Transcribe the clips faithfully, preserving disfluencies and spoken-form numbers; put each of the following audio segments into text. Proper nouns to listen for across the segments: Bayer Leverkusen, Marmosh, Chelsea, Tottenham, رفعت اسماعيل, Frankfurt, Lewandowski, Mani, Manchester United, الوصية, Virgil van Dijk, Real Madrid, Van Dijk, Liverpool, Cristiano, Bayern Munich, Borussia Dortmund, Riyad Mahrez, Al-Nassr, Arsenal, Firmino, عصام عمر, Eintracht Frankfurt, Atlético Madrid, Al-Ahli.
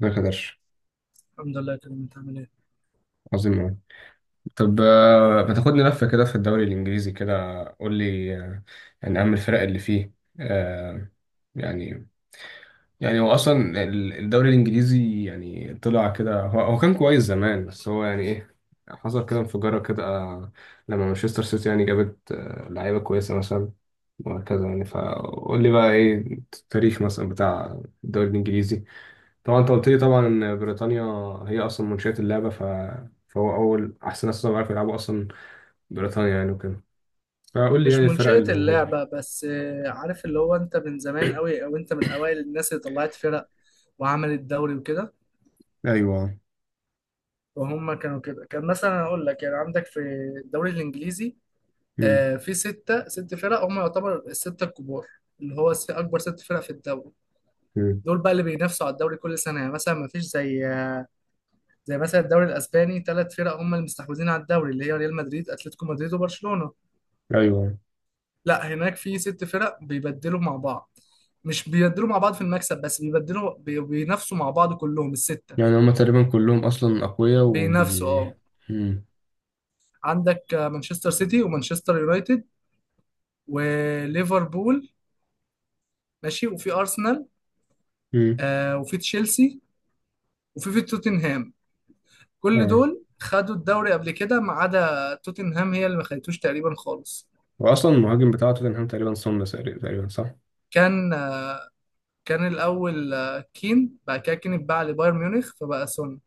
ما قدرش. الحمد لله، تمام. انت عامل ايه؟ عظيم أوي. طب آه، ما تاخدني لفة كده في الدوري الإنجليزي كده، قول لي آه، يعني أهم الفرق اللي فيه. آه، يعني يعني هو أصلا ال- الدوري الإنجليزي يعني طلع كده، هو, هو كان كويس زمان، بس هو يعني إيه؟ حصل كده انفجارة كده، آه، لما مانشستر سيتي يعني جابت آه، لعيبة كويسة مثلا، وهكذا يعني. فقول لي بقى إيه التاريخ مثلا بتاع الدوري الإنجليزي؟ طبعا انت قلت لي طبعا ان بريطانيا هي اصلا منشئة اللعبة، ف... فهو اول احسن ناس طبعا عارفوا يلعبوا اصلا بريطانيا يعني وكده. فقول لي مش يعني الفرق منشئة اللي موجودة. اللعبة بس، آه، عارف، اللي هو انت من زمان قوي، او انت من اوائل الناس اللي طلعت فرق وعملت دوري وكده، ايوه. وهم كانوا كده. كان مثلا اقول لك، يعني عندك في الدوري الانجليزي مم. آه، في ستة ست فرق هم يعتبر الستة الكبار، اللي هو س- اكبر ست فرق في الدوري. مم. دول بقى اللي بينافسوا على الدوري كل سنة. يعني مثلا ما فيش زي، آه، زي مثلا الدوري الاسباني، ثلاث فرق هم اللي مستحوذين على الدوري، اللي هي ريال مدريد، اتلتيكو مدريد، وبرشلونة. ايوه. لا، هناك في ست فرق بيبدلوا مع بعض. مش بيبدلوا مع بعض في المكسب بس، بيبدلوا بي- بينافسوا مع بعض كلهم الستة. يعني هما تقريبا كلهم اصلا اقوياء بينافسوا، وبي. اه. مم. عندك آه، مانشستر سيتي ومانشستر يونايتد وليفربول، ماشي، وفي أرسنال مم. آه وفي تشيلسي وفي في توتنهام. كل اه. دول خدوا الدوري قبل كده ما عدا توتنهام، هي اللي ما خدتوش تقريبا خالص. واصلا المهاجم بتاع توتنهام تقريبا سومر، تقريبا صح؟ كان، آه، كان الأول آه، كين، بعد كده كين اتباع لبايرن ميونخ فبقى سون.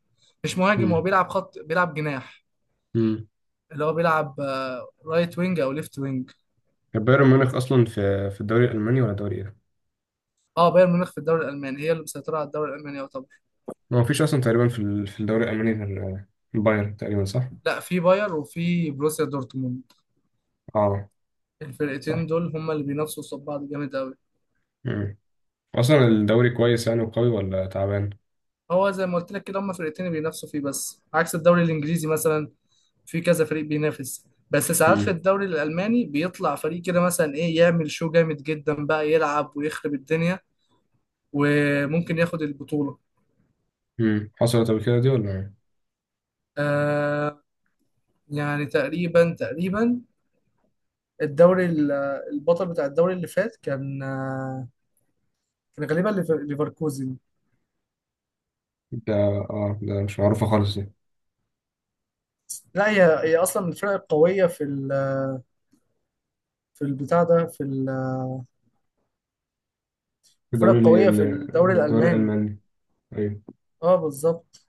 مش مهاجم، هو مم. بيلعب خط، بيلعب جناح، مم. اللي هو بيلعب آه، رايت وينج او ليفت وينج. طب بايرن ميونخ اصلا في في الدوري الالماني ولا دوري ايه؟ اه، بايرن ميونخ في الدوري الالماني هي اللي مسيطره على الدوري الالماني يعتبر. ما فيش اصلا تقريبا في ال- في الدوري الالماني غير آه، بايرن، تقريبا صح؟ لا، في باير وفي بروسيا دورتموند. اه. الفرقتين صح. دول هما اللي بينافسوا قصاد بعض جامد قوي. اصلا الدوري كويس يعني وقوي، ولا تعبان؟ هو زي ما قلت لك كده، هما فرقتين اللي بينافسوا فيه، بس عكس الدوري الانجليزي مثلا في كذا فريق بينافس. بس ساعات في امم. الدوري الالماني بيطلع فريق كده، مثلا، ايه، يعمل شو جامد جدا، بقى يلعب ويخرب الدنيا وممكن ياخد البطوله. امم حصلت قبل كده دي ولا إيه؟ آه، يعني تقريبا تقريبا الدوري ال- البطل بتاع الدوري اللي فات كان، كان غالبا ليف- ليفركوزن. ده اه ده مش معروفه خالص دي. لا هي، هي اصلا من الفرق القويه في ال- في البتاع ده، في ال- الفرق الدوري ال- القويه في الدوري ال- الدوري الالماني. الالماني. ايوه. اه، بالظبط.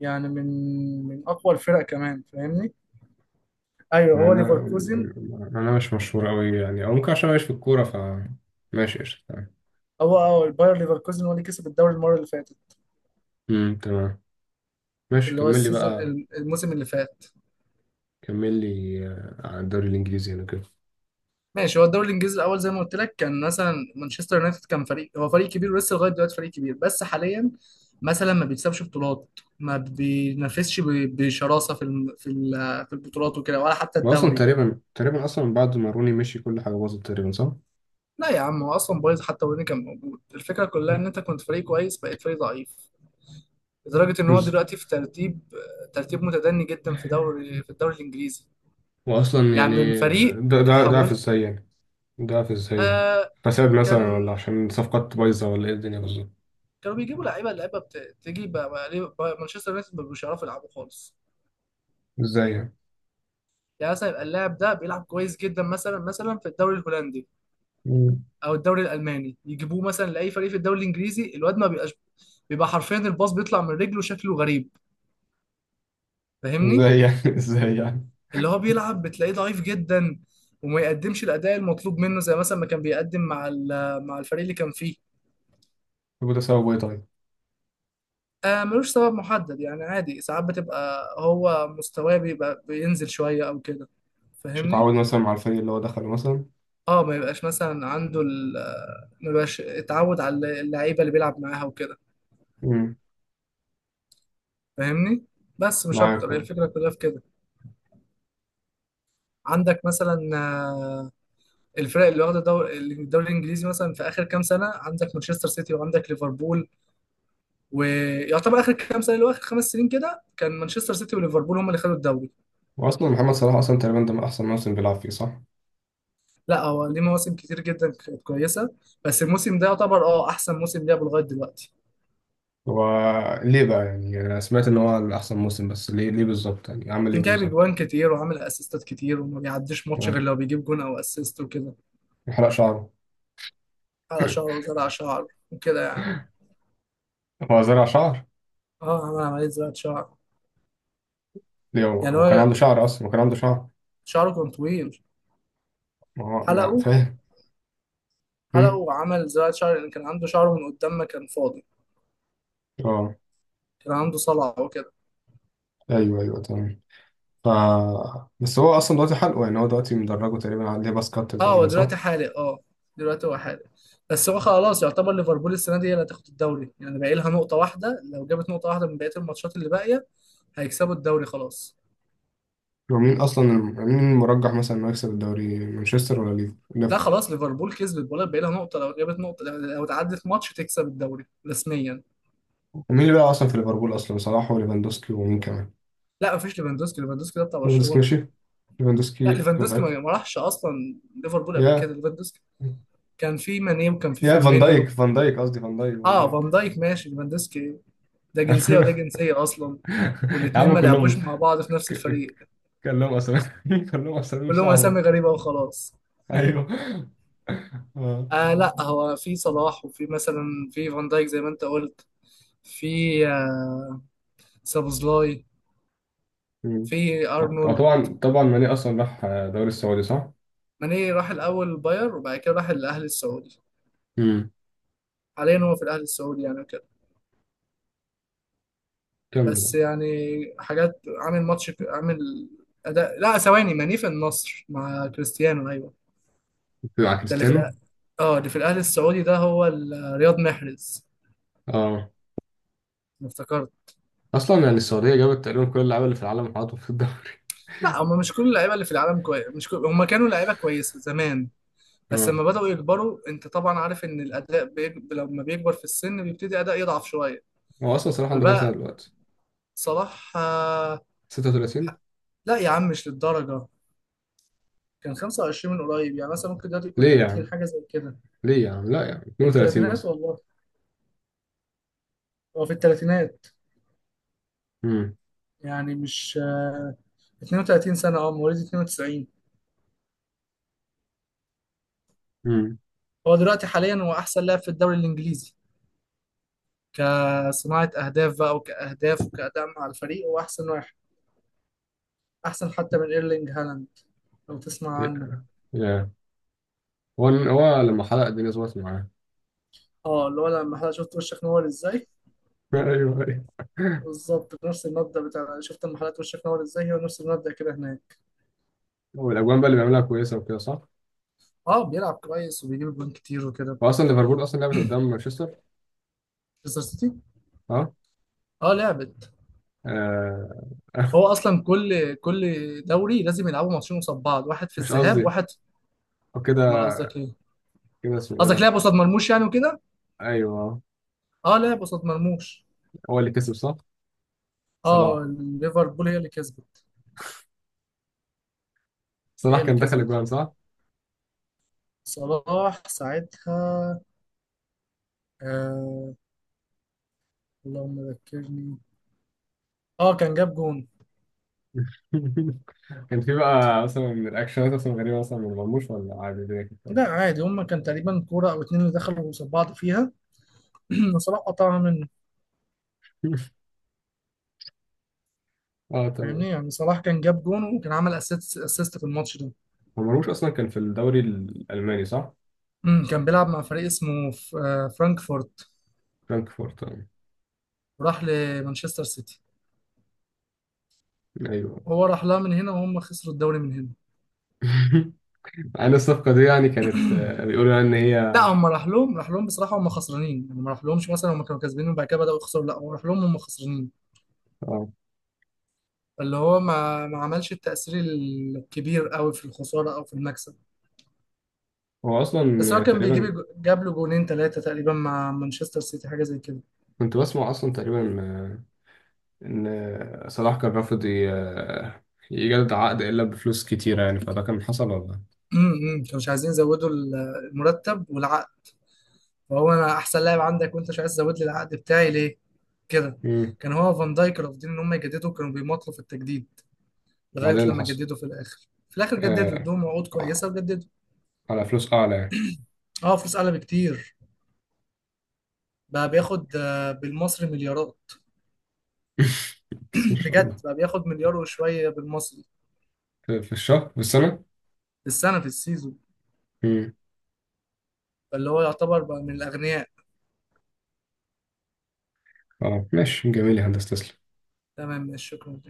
يعني من من اقوى الفرق كمان، فاهمني. ايوه، مع هو انها ليفركوزن. مع انها مش مشهوره قوي يعني، او ممكن عشان ماشي في الكوره. ف ماشي، قشطة، تمام. هو، اه، الباير ليفركوزن هو اللي كسب الدوري المره اللي فاتت، امم، تمام. ماشي اللي هو كمل لي السيزون، بقى. الموسم اللي فات. كمل لي آه، على الدوري الانجليزي يعني كده. ماشي. هو الدوري الانجليزي، الاول زي ما قلت لك، كان مثلا مانشستر يونايتد كان فريق، هو فريق كبير ولسه لغايه دلوقتي فريق كبير، بس حاليا مثلا ما بيكسبش بطولات، ما بينافسش ب- بشراسه في الم- في ال- في البطولات وكده، ولا حتى واصلا الدوري. تقريبا تقريبا اصلا بعد ما روني مشي كل حاجه باظت، تقريبا صح؟ لا يا عم، هو اصلا بايظ حتى وين كان موجود. الفكره كلها ان انت كنت فريق كويس بقيت فريق ضعيف، لدرجه ان هو بز- دلوقتي في ترتيب ترتيب متدني جدا في دوري في الدوري الانجليزي. واصلا يعني يعني من فريق ده ده ده في اتحولت. ازاي، ضعف ازاي يعني؟ آه، فساد كان، مثلا، ولا عشان صفقات بايظة، ولا ايه الدنيا بالظبط؟ كانوا بيجيبوا لعيبه اللعيبه، بت... تيجي بقى، بقى ليه بقى مانشستر يونايتد ما بيبقوش يعرفوا يلعبوا خالص؟ ازاي يعني؟ يعني مثلا يبقى اللاعب ده بيلعب كويس جدا مثلا، مثلا في الدوري الهولندي مم. او الدوري الالماني، يجيبوه مثلا لاي فريق في الدوري الانجليزي الواد ما بيبقاش، بيبقى حرفيا الباص بيطلع من رجله شكله غريب، فاهمني. ازاي يعني؟ ازاي يعني؟ اللي هو بيلعب بتلاقيه ضعيف جدا وما يقدمش الاداء المطلوب منه زي مثلا ما كان بيقدم مع ال- مع الفريق اللي كان فيه. يبقى ده سببه ايه طيب؟ آه، ملوش سبب محدد، يعني عادي. ساعات بتبقى هو مستواه بيبقى بينزل شويه او كده، مش فاهمني. متعود مثلا مع الفريق اللي هو دخله مثلا. اه، ما يبقاش مثلا عنده ال ما يبقاش اتعود على اللعيبه اللي بيلعب معاها وكده، مم. فاهمني. بس مش معاك اكتر، هي أهو. الفكره كلها في كده. عندك مثلا آه، الفرق اللي واخده دور- الدوري الانجليزي مثلا في اخر كام سنه، عندك مانشستر سيتي وعندك ليفربول. ويعتبر اخر كام سنه، اللي هو اخر خمس سنين كده، كان مانشستر سيتي وليفربول هم اللي خدوا الدوري. واصلا محمد صلاح اصلا تقريبا ده من احسن موسم بيلعب فيه، صح؟ لا، هو ليه مواسم كتير جدا كانت كويسه، بس الموسم ده يعتبر، اه، احسن موسم لعبه لغايه دلوقتي. هو ليه بقى يعني؟ يعني انا سمعت ان هو من احسن موسم، بس ليه ليه بالظبط يعني، عمل ايه جايب بالظبط؟ اجوان كتير وعامل اسيستات كتير، وما بيعديش ماتش غير يعني لو بيجيب جون او اسيست وكده. حرق شعره. حلق شعره وزرع شعر وكده يعني. هو زرع شعر؟ اه، عمل عملية زراعة شعر. ليه؟ هو يعني هو كان هو عنده شعر اصلا؟ هو كان عنده شعر؟ شعره كان طويل، ما هو من حلقه. فاهم. حلقه مم. وعمل زراعة شعر لأن كان عنده شعره من قدام ما كان فاضي. اه، كان عنده صلع وكده. ايوه ايوه تمام. ف بس هو اصلا دلوقتي حلقه يعني، هو دلوقتي مدرجه تقريبا عليه باس كات، اه، هو تقريبا صح؟ دلوقتي حالق. اه، دلوقتي هو حالق. بس هو خلاص يعتبر ليفربول السنة دي هي اللي هتاخد الدوري. يعني باقي لها نقطة واحدة، لو جابت نقطة واحدة من بقية الماتشات اللي باقية هيكسبوا الدوري خلاص. ومين اصلا مين المرجح مثلا انه يكسب الدوري، مانشستر ولا ليف- لا ليفربول؟ خلاص، ليفربول كسبت، ولا بقى لها نقطة، لو جابت نقطة، لو تعدت ماتش تكسب الدوري رسميا. ومين اللي بقى اصلا في ليفربول اصلا، صلاح وليفاندوسكي ومين كمان؟ لا مفيش ليفاندوسكي. ليفاندوسكي ده بتاع ليفاندوسكي برشلونة. مشي؟ لا، ليفاندوسكي ليفاندوسكي ما متأكد؟ ما راحش اصلا ليفربول قبل يا كده. ليفاندوسكي، كان في ماني وكان في يا فان دايك، فيرمينيو. فان دايك قصدي، فان دايك فان اه، فان دايك. دايك، ماشي. ليفاندوسكي ده جنسيه وده جنسيه اصلا، يا والاتنين عم ما كلهم. لعبوش مع بعض في نفس ك- الفريق. كلهم اسامي. كلهم اسامي كلهم اسامي صعبه. غريبه وخلاص. ايوه. آه. آه، لا، هو في صلاح، وفي مثلا، في فان دايك زي ما انت قلت، في، آه سابوزلاي، مم. في ارنولد. وطبعا طبعا ماني اصلا راح دوري السعودي، صح؟ ماني راح الاول باير، وبعد كده راح الاهلي السعودي. حاليا هو في الاهلي السعودي يعني. كمل. بس يعني، حاجات، عامل ماتش، عامل اداء. لا ثواني، ماني في النصر مع كريستيانو، ايوه. بيبقى ده اللي في الأ... كريستيانو. اه اللي في الاهلي السعودي، ده هو ال- رياض محرز. اه، أنا افتكرت. اصلا يعني السعوديه جابت تقريبا كل اللعيبه اللي في العالم وحطوا في الدوري. لا، هم مش كل اللعيبه اللي في العالم كويس، مش كل... هم كانوا لعيبه كويسه زمان، بس اه، لما بداوا يكبروا، انت طبعا عارف ان الاداء بيج... لما بيكبر في السن بيبتدي اداء يضعف شويه. هو اصلا صلاح عنده كام سنه فبقى، دلوقتي؟ صلاح، آه، ستة وثلاثين؟ لا يا عم، مش للدرجه. كان خمسة وعشرين من قريب، يعني مثلا ممكن دلوقتي يكون ليه يا تلاتين عم، حاجه زي كده. ليه يا عم، لا يا عم في اتنين وتلاتين الثلاثينات مثلا. والله، هو في الثلاثينات. امم. يعني مش، آه، اتنين وتلاتين سنة، اه، مواليد اتنين وتسعين. امم. هو دلوقتي حاليا هو أحسن لاعب في الدوري الإنجليزي، كصناعة أهداف بقى، وكأهداف، وكأداء مع الفريق، هو أحسن واحد، أحسن حتى من إيرلينج هالاند لو تسمع يا عنه. يا. هو هو لما حلق الدنيا ظبطت معاه. اه، اللي هو لما حضرتك شفت وشك نور ازاي. ايوه ايوه. بالظبط نفس المبدأ بتاع شفت لما حضرتك وشك نور ازاي، هو نفس المبدأ كده هناك. والاجوان بقى اللي بيعملها كويسه وكده، صح؟ اه، بيلعب كويس وبيجيب جوان كتير وكده. هو اصلا ليفربول اصلا لعبت قدام مانشستر. مانشستر سيتي. اه. اه لعبت. آه. هو اصلا كل كل دوري لازم يلعبوا ماتشين قصاد بعض، واحد في مش الذهاب قصدي، واحد هو امال كده، قصدك ايه؟ كده اسمه ايه قصدك ده؟ لعب قصاد مرموش يعني وكده. ايوه. اه، لعب قصاد مرموش. هو اللي كسب صح؟ صلاح. اه، ليفربول هي اللي كسبت. صلاح هي اللي كان دخل كسبت. الجوان صح؟ صلاح ساعتها، آه، اللهم ذكرني. اه، كان جاب جون. كان في بقى مثلا الأكشنات مثلا غريبة مثلا من مرموش، ولا عادي الدنيا كانت لا كويسة؟ عادي، هما كان تقريبا كورة او اتنين اللي دخلوا قصاد بعض فيها. وصلاح قطعها منه. اه تمام. فاهمني، يعني صلاح كان جاب جون وكان عمل اسيست، اسيست في الماتش ده. هو مرموش أصلا كان في الدوري الألماني، صح؟ أمم، كان بيلعب مع فريق اسمه ف- آه، فرانكفورت فرانكفورت، آه. وراح لمانشستر سيتي. أيوه. هو راح لها من هنا وهم خسروا الدوري من هنا. عن الصفقة دي يعني كانت آه، بيقولوا يعني إن هي. لا، هم راح لهم راح لهم بصراحه هم خسرانين، يعني ما راح لهمش مثلا هم كانوا كسبانين وبعد كده بداوا يخسروا، لا هو راح لهم هم خسرانين. اه، اللي هو ما ما عملش التاثير الكبير قوي في الخساره او في المكسب. هو أصلا بس هو يعني كان بيجيب تقريبا الج- جاب له جونين ثلاثه تقريبا مع مانشستر سيتي، حاجه زي كده. كنت بسمع أصلا تقريبا آه، إن صلاح كان رافض ي- آه، يجدد عقد إلا بفلوس كتيرة يعني، فده كان حصل ولا؟ امم، كانوا مش عايزين يزودوا ال- المرتب والعقد. فهو: انا احسن لاعب عندك، وانت مش عايز تزود لي العقد بتاعي ليه؟ كده. مم. كان هو فان دايك رافضين ان هم يجددوا، كانوا بيمطلوا في التجديد لغايه وبعدين اللي لما حصل جددوا في الاخر. في الاخر جددوا، آه ادوهم وعود كويسه وجددوا. على فلوس أعلى يعني. اه، فلوس اعلى بكتير. بقى بياخد، آه، بالمصري، مليارات. بس إن شاء بجد، الله. بقى بياخد مليار وشويه بالمصري. في في الشهر في السنة؟ في السنه، في السيزون. امم. فاللي هو يعتبر بقى من الاغنياء. اه ماشي، جميل يا هندسة، تسلم. تمام، شكرا.